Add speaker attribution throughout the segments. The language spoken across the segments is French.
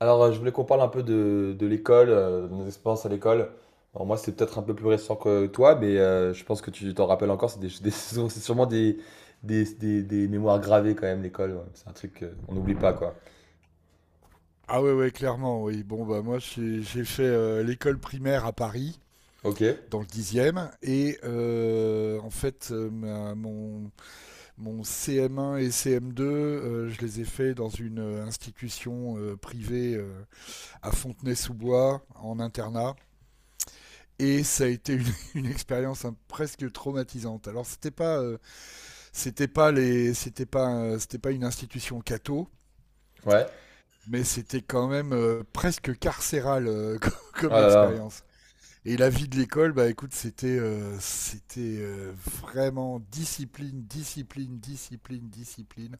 Speaker 1: Alors, je voulais qu'on parle un peu de l'école, de nos expériences à l'école. Alors, moi, c'est peut-être un peu plus récent que toi, mais je pense que tu t'en rappelles encore. C'est c'est sûrement des mémoires gravées quand même, l'école. Ouais. C'est un truc qu'on n'oublie pas, quoi.
Speaker 2: Ah ouais, ouais, clairement, oui. Bon, bah moi, j'ai fait l'école primaire à Paris,
Speaker 1: Ok,
Speaker 2: dans le dixième et en fait, ma- mon CM1 et CM2, je les ai faits dans une institution privée à Fontenay-sous-Bois, en internat. Et ça a été une, une expérience hein, presque traumatisante. Alors c'était pas les, c'était pas une institution catho,
Speaker 1: ouais.
Speaker 2: mais c'était quand même presque carcéral
Speaker 1: Oh
Speaker 2: comme
Speaker 1: là là.
Speaker 2: expérience. Et la vie de l'école, bah écoute, c'était vraiment discipline, discipline, discipline, discipline.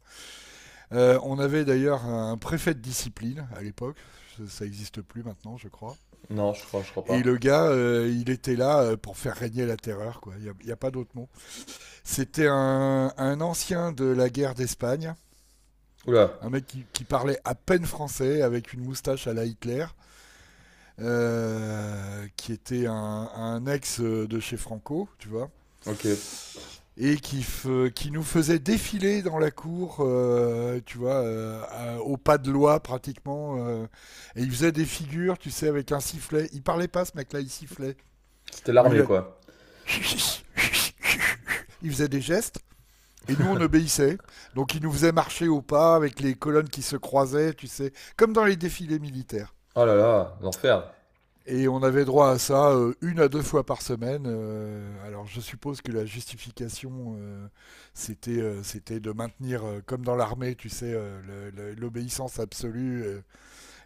Speaker 2: On avait d'ailleurs un préfet de discipline à l'époque, ça existe plus maintenant, je crois.
Speaker 1: Non, je crois
Speaker 2: Et
Speaker 1: pas.
Speaker 2: le gars, il était là pour faire régner la terreur, quoi. Il y a pas d'autre mot. C'était un ancien de la guerre d'Espagne,
Speaker 1: Oula,
Speaker 2: un mec qui parlait à peine français, avec une moustache à la Hitler, qui était un ex de chez Franco, tu vois,
Speaker 1: ok.
Speaker 2: et qui nous faisait défiler dans la cour, tu vois, au pas de loi pratiquement, et il faisait des figures, tu sais, avec un sifflet. Il parlait pas, ce mec-là, il sifflait.
Speaker 1: C'était
Speaker 2: Donc, il,
Speaker 1: l'armée,
Speaker 2: a-
Speaker 1: quoi.
Speaker 2: il faisait des gestes. Et nous, on obéissait. Donc, il nous faisait marcher au pas avec les colonnes qui se croisaient, tu sais, comme dans les défilés militaires.
Speaker 1: Oh là là, l'enfer.
Speaker 2: Et on avait droit à ça une à deux fois par semaine. Alors je suppose que la justification, c'était de maintenir, comme dans l'armée, tu sais, l'obéissance absolue euh,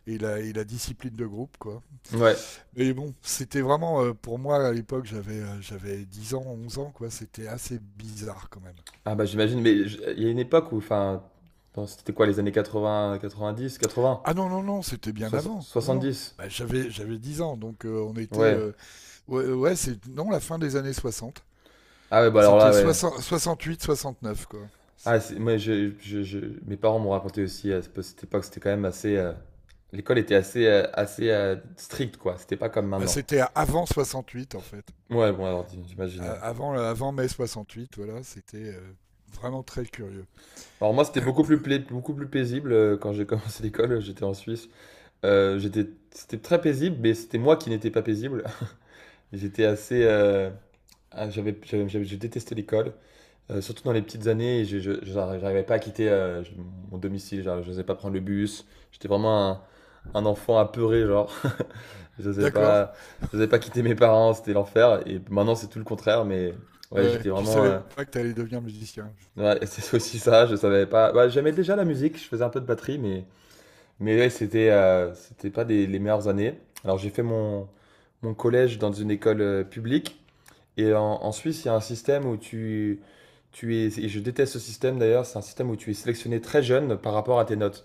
Speaker 2: et, la, et la discipline de groupe, quoi.
Speaker 1: Ouais.
Speaker 2: Mais bon, c'était vraiment, pour moi, à l'époque, j'avais 10 ans, 11 ans, quoi. C'était assez bizarre quand même.
Speaker 1: Ah bah j'imagine, mais il y a une époque où, enfin, bon, c'était quoi, les années 80, 90, 80,
Speaker 2: Ah non, non, non, c'était bien avant. Non, non.
Speaker 1: 70.
Speaker 2: Bah, j'avais 10 ans, donc on était...
Speaker 1: Ouais.
Speaker 2: Non, la fin des années 60.
Speaker 1: Ah ouais, bah alors
Speaker 2: C'était
Speaker 1: là, ouais.
Speaker 2: soixante-huit, soixante-neuf, quoi.
Speaker 1: Ah, moi, mes parents m'ont raconté aussi à cette époque, c'était quand même assez. L'école était assez, assez stricte, quoi. C'était pas comme
Speaker 2: Bah,
Speaker 1: maintenant.
Speaker 2: c'était avant 68 en fait.
Speaker 1: Ouais, bon, alors j'imagine. Ouais.
Speaker 2: Avant, avant mai soixante-huit, voilà, c'était vraiment très curieux.
Speaker 1: Alors moi, c'était beaucoup plus paisible, quand j'ai commencé l'école. J'étais en Suisse. C'était très paisible, mais c'était moi qui n'étais pas paisible. J'étais assez. Je détestais l'école. Surtout dans les petites années, je j'arri j'arrivais pas à quitter, je mon domicile, genre j'osais pas prendre le bus. J'étais vraiment un enfant apeuré genre. Je J'osais
Speaker 2: D'accord.
Speaker 1: pas je j'osais pas quitter mes parents, c'était l'enfer et maintenant c'est tout le contraire mais ouais,
Speaker 2: Ouais,
Speaker 1: j'étais
Speaker 2: tu
Speaker 1: vraiment.
Speaker 2: savais pas que t'allais devenir musicien.
Speaker 1: Ouais, c'est aussi ça, je savais pas. Bah, j'aimais déjà la musique, je faisais un peu de batterie mais ouais, c'était pas des les meilleures années. Alors j'ai fait mon collège dans une école, publique et en Suisse, il y a un système où et je déteste ce système d'ailleurs, c'est un système où tu es sélectionné très jeune par rapport à tes notes.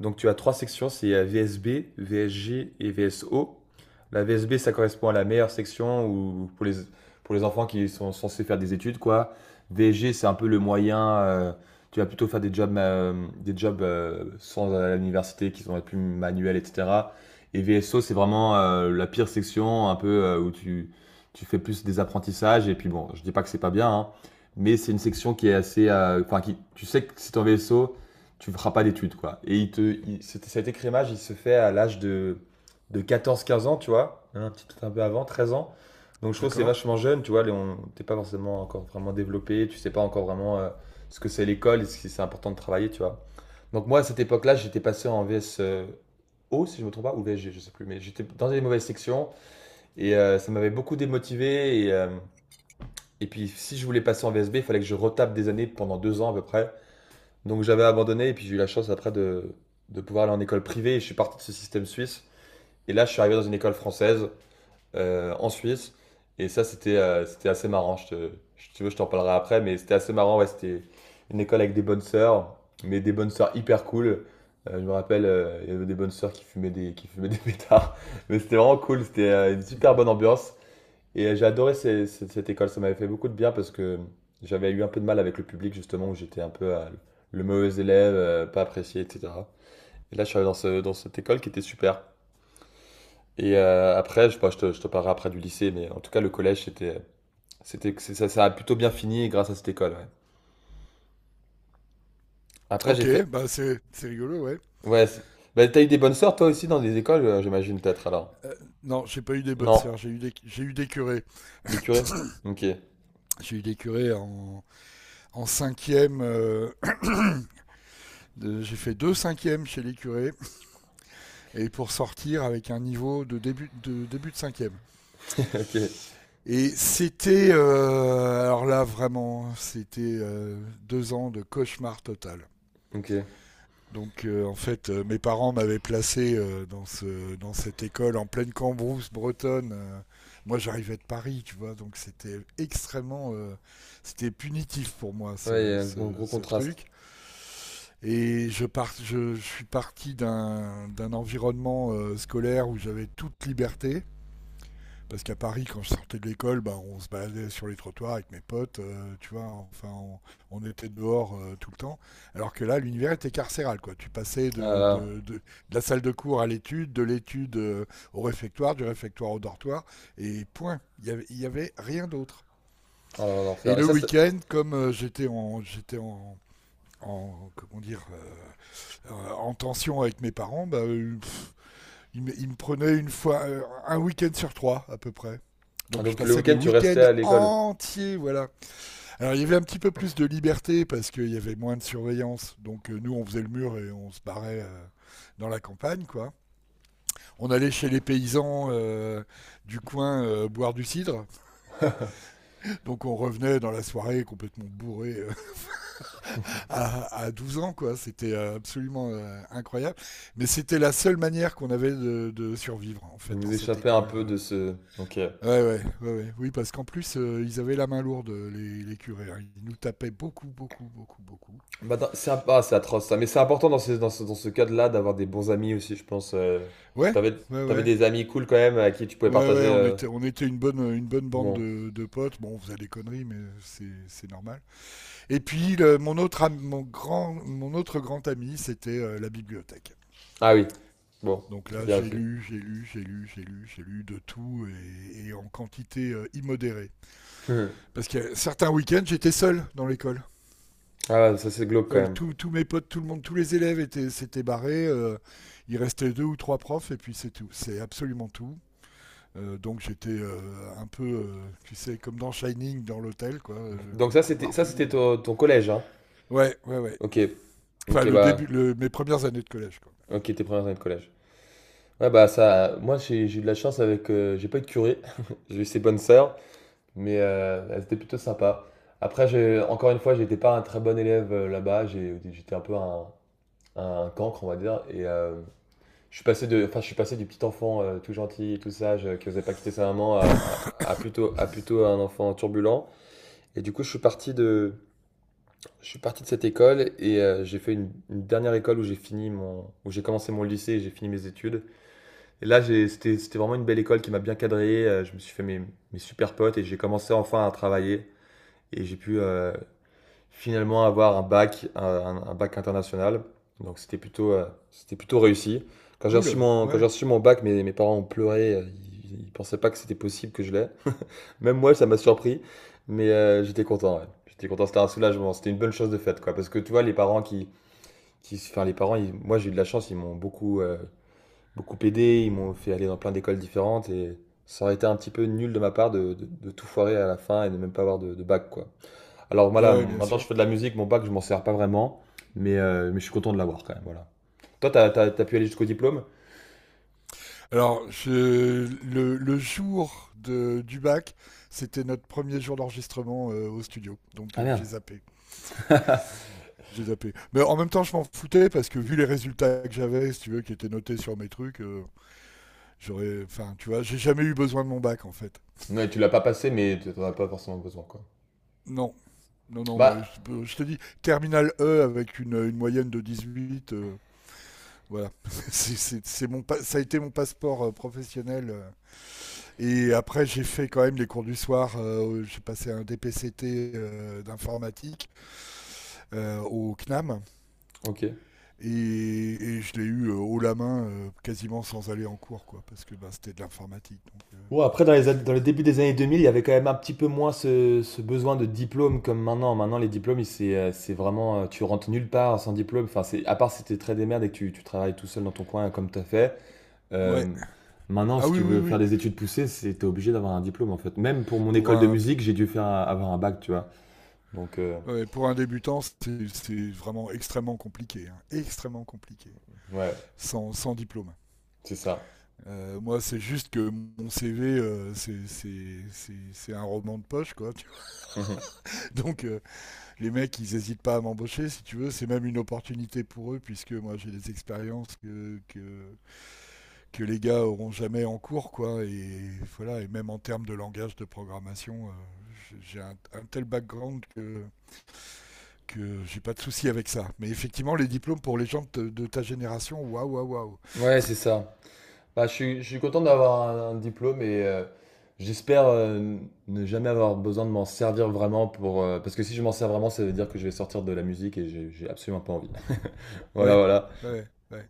Speaker 1: Donc tu as trois sections, c'est VSB, VSG et VSO. La VSB, ça correspond à la meilleure section où, pour les enfants qui sont censés faire des études, quoi. VSG, c'est un peu le moyen, tu vas plutôt faire des jobs sans à l'université qui sont plus manuels, etc. Et VSO, c'est vraiment la pire section, un peu, où tu fais plus des apprentissages. Et puis bon, je dis pas que c'est pas bien, hein, mais c'est une section qui est assez. Enfin, tu sais que c'est ton vaisseau, tu ne feras pas d'études, quoi. Et cet écrémage, il se fait à l'âge de 14-15 ans, tu vois, hein, un petit peut-être un peu avant, 13 ans. Donc je trouve que c'est
Speaker 2: D'accord.
Speaker 1: vachement jeune, tu vois, t'es pas forcément encore vraiment développé, tu sais pas encore vraiment ce que c'est l'école et si c'est important de travailler, tu vois. Donc moi, à cette époque-là, j'étais passé en VS. O, si je me trompe pas, ou VSG, je sais plus, mais j'étais dans des mauvaises sections et ça m'avait beaucoup démotivé et puis, si je voulais passer en VSB, il fallait que je retape des années pendant 2 ans à peu près. Donc, j'avais abandonné et puis j'ai eu la chance après de pouvoir aller en école privée et je suis parti de ce système suisse. Et là, je suis arrivé dans une école française, en Suisse. Et ça, c'était assez marrant. Si tu veux, je t'en parlerai après, mais c'était assez marrant. Ouais, c'était une école avec des bonnes sœurs, mais des bonnes sœurs hyper cool. Je me rappelle, il y avait des bonnes sœurs qui fumaient des pétards. Mais c'était vraiment cool. C'était une super bonne ambiance. Et j'ai adoré cette école, ça m'avait fait beaucoup de bien parce que j'avais eu un peu de mal avec le public justement, où j'étais un peu le mauvais élève, pas apprécié, etc. Et là, je suis allé dans cette école qui était super. Et après, bon, je te parlerai après du lycée, mais en tout cas, le collège, ça a plutôt bien fini grâce à cette école. Ouais. Après, j'ai
Speaker 2: Ok,
Speaker 1: fait.
Speaker 2: bah c'est rigolo, ouais.
Speaker 1: Ouais, bah, t'as eu des bonnes sœurs toi aussi dans des écoles, j'imagine peut-être alors.
Speaker 2: Euh, non, j'ai pas eu des bonnes
Speaker 1: Non?
Speaker 2: sœurs, j'ai eu des curés.
Speaker 1: Les curés? Ok.
Speaker 2: J'ai eu des curés en, en cinquième, j'ai fait 2 cinquièmes chez les curés, et pour sortir avec un niveau début de cinquième.
Speaker 1: Ok.
Speaker 2: Et c'était, alors là vraiment, c'était 2 ans de cauchemar total.
Speaker 1: Ok.
Speaker 2: Donc mes parents m'avaient placé dans cette école en pleine Cambrousse bretonne. Moi, j'arrivais de Paris, tu vois, donc c'était extrêmement, c'était punitif pour moi
Speaker 1: Ouais, il y a un gros, gros
Speaker 2: ce
Speaker 1: contraste.
Speaker 2: truc. Et je suis parti d'un environnement scolaire où j'avais toute liberté. Parce qu'à Paris, quand je sortais de l'école, bah, on se baladait sur les trottoirs avec mes potes, tu vois, on était dehors tout le temps. Alors que là, l'univers était carcéral, quoi. Tu passais
Speaker 1: Ah là là.
Speaker 2: de la salle de cours à l'étude, de l'étude au réfectoire, du réfectoire au dortoir, et point. Il y avait rien d'autre.
Speaker 1: Ah là là,
Speaker 2: Et
Speaker 1: l'enfer. Et
Speaker 2: le
Speaker 1: ça,
Speaker 2: week-end, comme j'étais en, comment dire, en tension avec mes parents, bah, il me prenait une fois un week-end sur trois à peu près.
Speaker 1: ah,
Speaker 2: Donc je
Speaker 1: donc le
Speaker 2: passais des
Speaker 1: week-end, tu
Speaker 2: week-ends
Speaker 1: restais à l'école.
Speaker 2: entiers, voilà. Alors il y avait un petit peu plus de liberté parce qu'il y avait moins de surveillance. Donc nous on faisait le mur et on se barrait dans la campagne, quoi. On allait chez les paysans du coin boire du cidre. Donc on revenait dans la soirée complètement bourré à 12 ans, quoi. C'était absolument incroyable. Mais c'était la seule manière qu'on avait de survivre en fait
Speaker 1: Vous
Speaker 2: dans
Speaker 1: vous
Speaker 2: cette
Speaker 1: échappez un
Speaker 2: école.
Speaker 1: peu de ce. Ok.
Speaker 2: Ouais, ouais, ouais, ouais. Oui, parce qu'en plus, ils avaient la main lourde, les curés, hein. Ils nous tapaient beaucoup, beaucoup, beaucoup, beaucoup.
Speaker 1: Bah, ah, c'est atroce ça, mais c'est important dans ce cadre-là d'avoir des bons amis aussi, je pense.
Speaker 2: Ouais,
Speaker 1: T'avais,
Speaker 2: ouais,
Speaker 1: t'avais
Speaker 2: ouais.
Speaker 1: des amis cool quand même à qui tu pouvais
Speaker 2: Ouais,
Speaker 1: partager...
Speaker 2: ouais,
Speaker 1: euh,
Speaker 2: on était une bonne bande
Speaker 1: Bon.
Speaker 2: de potes. Bon, on faisait des conneries, mais c'est normal. Et puis, mon autre grand ami, c'était la bibliothèque.
Speaker 1: Ah oui. Bon,
Speaker 2: Donc
Speaker 1: c'est
Speaker 2: là,
Speaker 1: bien aussi.
Speaker 2: j'ai lu de tout et en quantité immodérée.
Speaker 1: Hmm.
Speaker 2: Parce que certains week-ends, j'étais seul dans l'école.
Speaker 1: Ah ouais, ça c'est glauque quand
Speaker 2: Seuls
Speaker 1: même.
Speaker 2: tous mes potes, tout le monde, tous les élèves étaient, s'étaient barrés. Il restait deux ou trois profs et puis c'est tout. C'est absolument tout. Donc j'étais un peu, tu sais, comme dans Shining, dans l'hôtel, quoi,
Speaker 1: Donc
Speaker 2: les
Speaker 1: ça c'était
Speaker 2: couloirs
Speaker 1: ça c'était
Speaker 2: vides.
Speaker 1: ton collège, hein.
Speaker 2: Ouais, ouais, ouais.
Speaker 1: Ok. Ok
Speaker 2: Enfin, le début,
Speaker 1: bah.
Speaker 2: mes premières années de collège, quoi.
Speaker 1: Ok, tes premières années de collège. Ouais bah ça. Moi j'ai eu de la chance avec. J'ai pas eu de curé. J'ai eu ses bonnes sœurs. Mais elles étaient plutôt sympas. Après, encore une fois, j'étais pas un très bon élève là-bas. J'étais un peu un cancre, on va dire. Et je suis passé de, enfin, je suis passé du petit enfant tout gentil, et tout sage, qui osait pas quitter sa maman, à plutôt un enfant turbulent. Et du coup, je suis parti de cette école et j'ai fait une dernière école où j'ai commencé mon lycée et j'ai fini mes études. Et là, c'était vraiment une belle école qui m'a bien cadré. Je me suis fait mes super potes et j'ai commencé enfin à travailler. Et j'ai pu finalement avoir un bac, un bac international. Donc c'était plutôt réussi.
Speaker 2: Cool,
Speaker 1: Quand j'ai
Speaker 2: ouais.
Speaker 1: reçu mon bac, mes parents ont pleuré. Ils pensaient pas que c'était possible que je l'aie. Même moi, ça m'a surpris. Mais j'étais content. Ouais. J'étais content. C'était un soulagement. C'était une bonne chose de faite, quoi. Parce que tu vois, les parents qui, enfin, moi, j'ai eu de la chance. Ils m'ont beaucoup aidé. Ils m'ont fait aller dans plein d'écoles différentes et ça aurait été un petit peu nul de ma part de tout foirer à la fin et de même pas avoir de bac, quoi. Alors voilà,
Speaker 2: Ouais, bien
Speaker 1: maintenant
Speaker 2: sûr.
Speaker 1: je fais de la musique, mon bac, je m'en sers pas vraiment, mais je suis content de l'avoir quand même. Voilà. Toi, t'as pu aller jusqu'au diplôme.
Speaker 2: Alors, le jour du bac, c'était notre premier jour d'enregistrement au studio, donc
Speaker 1: Ah merde.
Speaker 2: j'ai zappé. J'ai zappé. Mais en même temps, je m'en foutais parce que vu les résultats que j'avais, si tu veux, qui étaient notés sur mes trucs, j'aurais. Enfin, tu vois, j'ai jamais eu besoin de mon bac en fait.
Speaker 1: Ouais, tu l'as pas passé, mais tu n'en as pas forcément besoin, quoi.
Speaker 2: Non, non, non, mais
Speaker 1: Bah,
Speaker 2: je te dis, terminal E avec une moyenne de 18, voilà. C'est mon, ça a été mon passeport professionnel. Et après, j'ai fait quand même les cours du soir. J'ai passé un DPCT d'informatique au CNAM.
Speaker 1: ok.
Speaker 2: Et, et je l'ai eu haut la main, quasiment sans aller en cours, quoi, parce que bah, c'était de l'informatique. Donc,
Speaker 1: Ouais, après, dans les débuts des années 2000, il y avait quand même un petit peu moins ce besoin de diplôme comme maintenant. Maintenant, les diplômes, c'est vraiment. Tu rentres nulle part sans diplôme. Enfin, à part si t'es très démerde et que tu travailles tout seul dans ton coin comme t'as fait.
Speaker 2: euh, ouais.
Speaker 1: Euh, Maintenant,
Speaker 2: Ah
Speaker 1: si
Speaker 2: oui,
Speaker 1: tu
Speaker 2: oui,
Speaker 1: veux
Speaker 2: oui.
Speaker 1: faire des études poussées, c'est t'es obligé d'avoir un diplôme en fait. Même pour mon
Speaker 2: Pour
Speaker 1: école de
Speaker 2: un,
Speaker 1: musique, j'ai dû faire avoir un bac, tu vois. Donc
Speaker 2: ouais, pour un débutant, c'est vraiment extrêmement compliqué, hein, extrêmement compliqué,
Speaker 1: ouais,
Speaker 2: sans diplôme.
Speaker 1: c'est ça.
Speaker 2: Moi, c'est juste que mon CV, c'est un roman de poche, quoi, tu vois.
Speaker 1: Mhm.
Speaker 2: Donc, euh, les mecs, ils n'hésitent pas à m'embaucher, si tu veux. C'est même une opportunité pour eux, puisque moi, j'ai des expériences que les gars auront jamais en cours, quoi. Et voilà, et même en termes de langage de programmation, j'ai un tel background que j'ai pas de souci avec ça. Mais effectivement, les diplômes pour les gens de ta génération, waouh, waouh, waouh.
Speaker 1: Ouais, c'est ça. Bah, je suis content d'avoir un diplôme et j'espère ne jamais avoir besoin de m'en servir vraiment. Parce que si je m'en sers vraiment, ça veut dire que je vais sortir de la musique et j'ai absolument pas envie. Voilà,
Speaker 2: Ouais,
Speaker 1: voilà.
Speaker 2: ouais, ouais.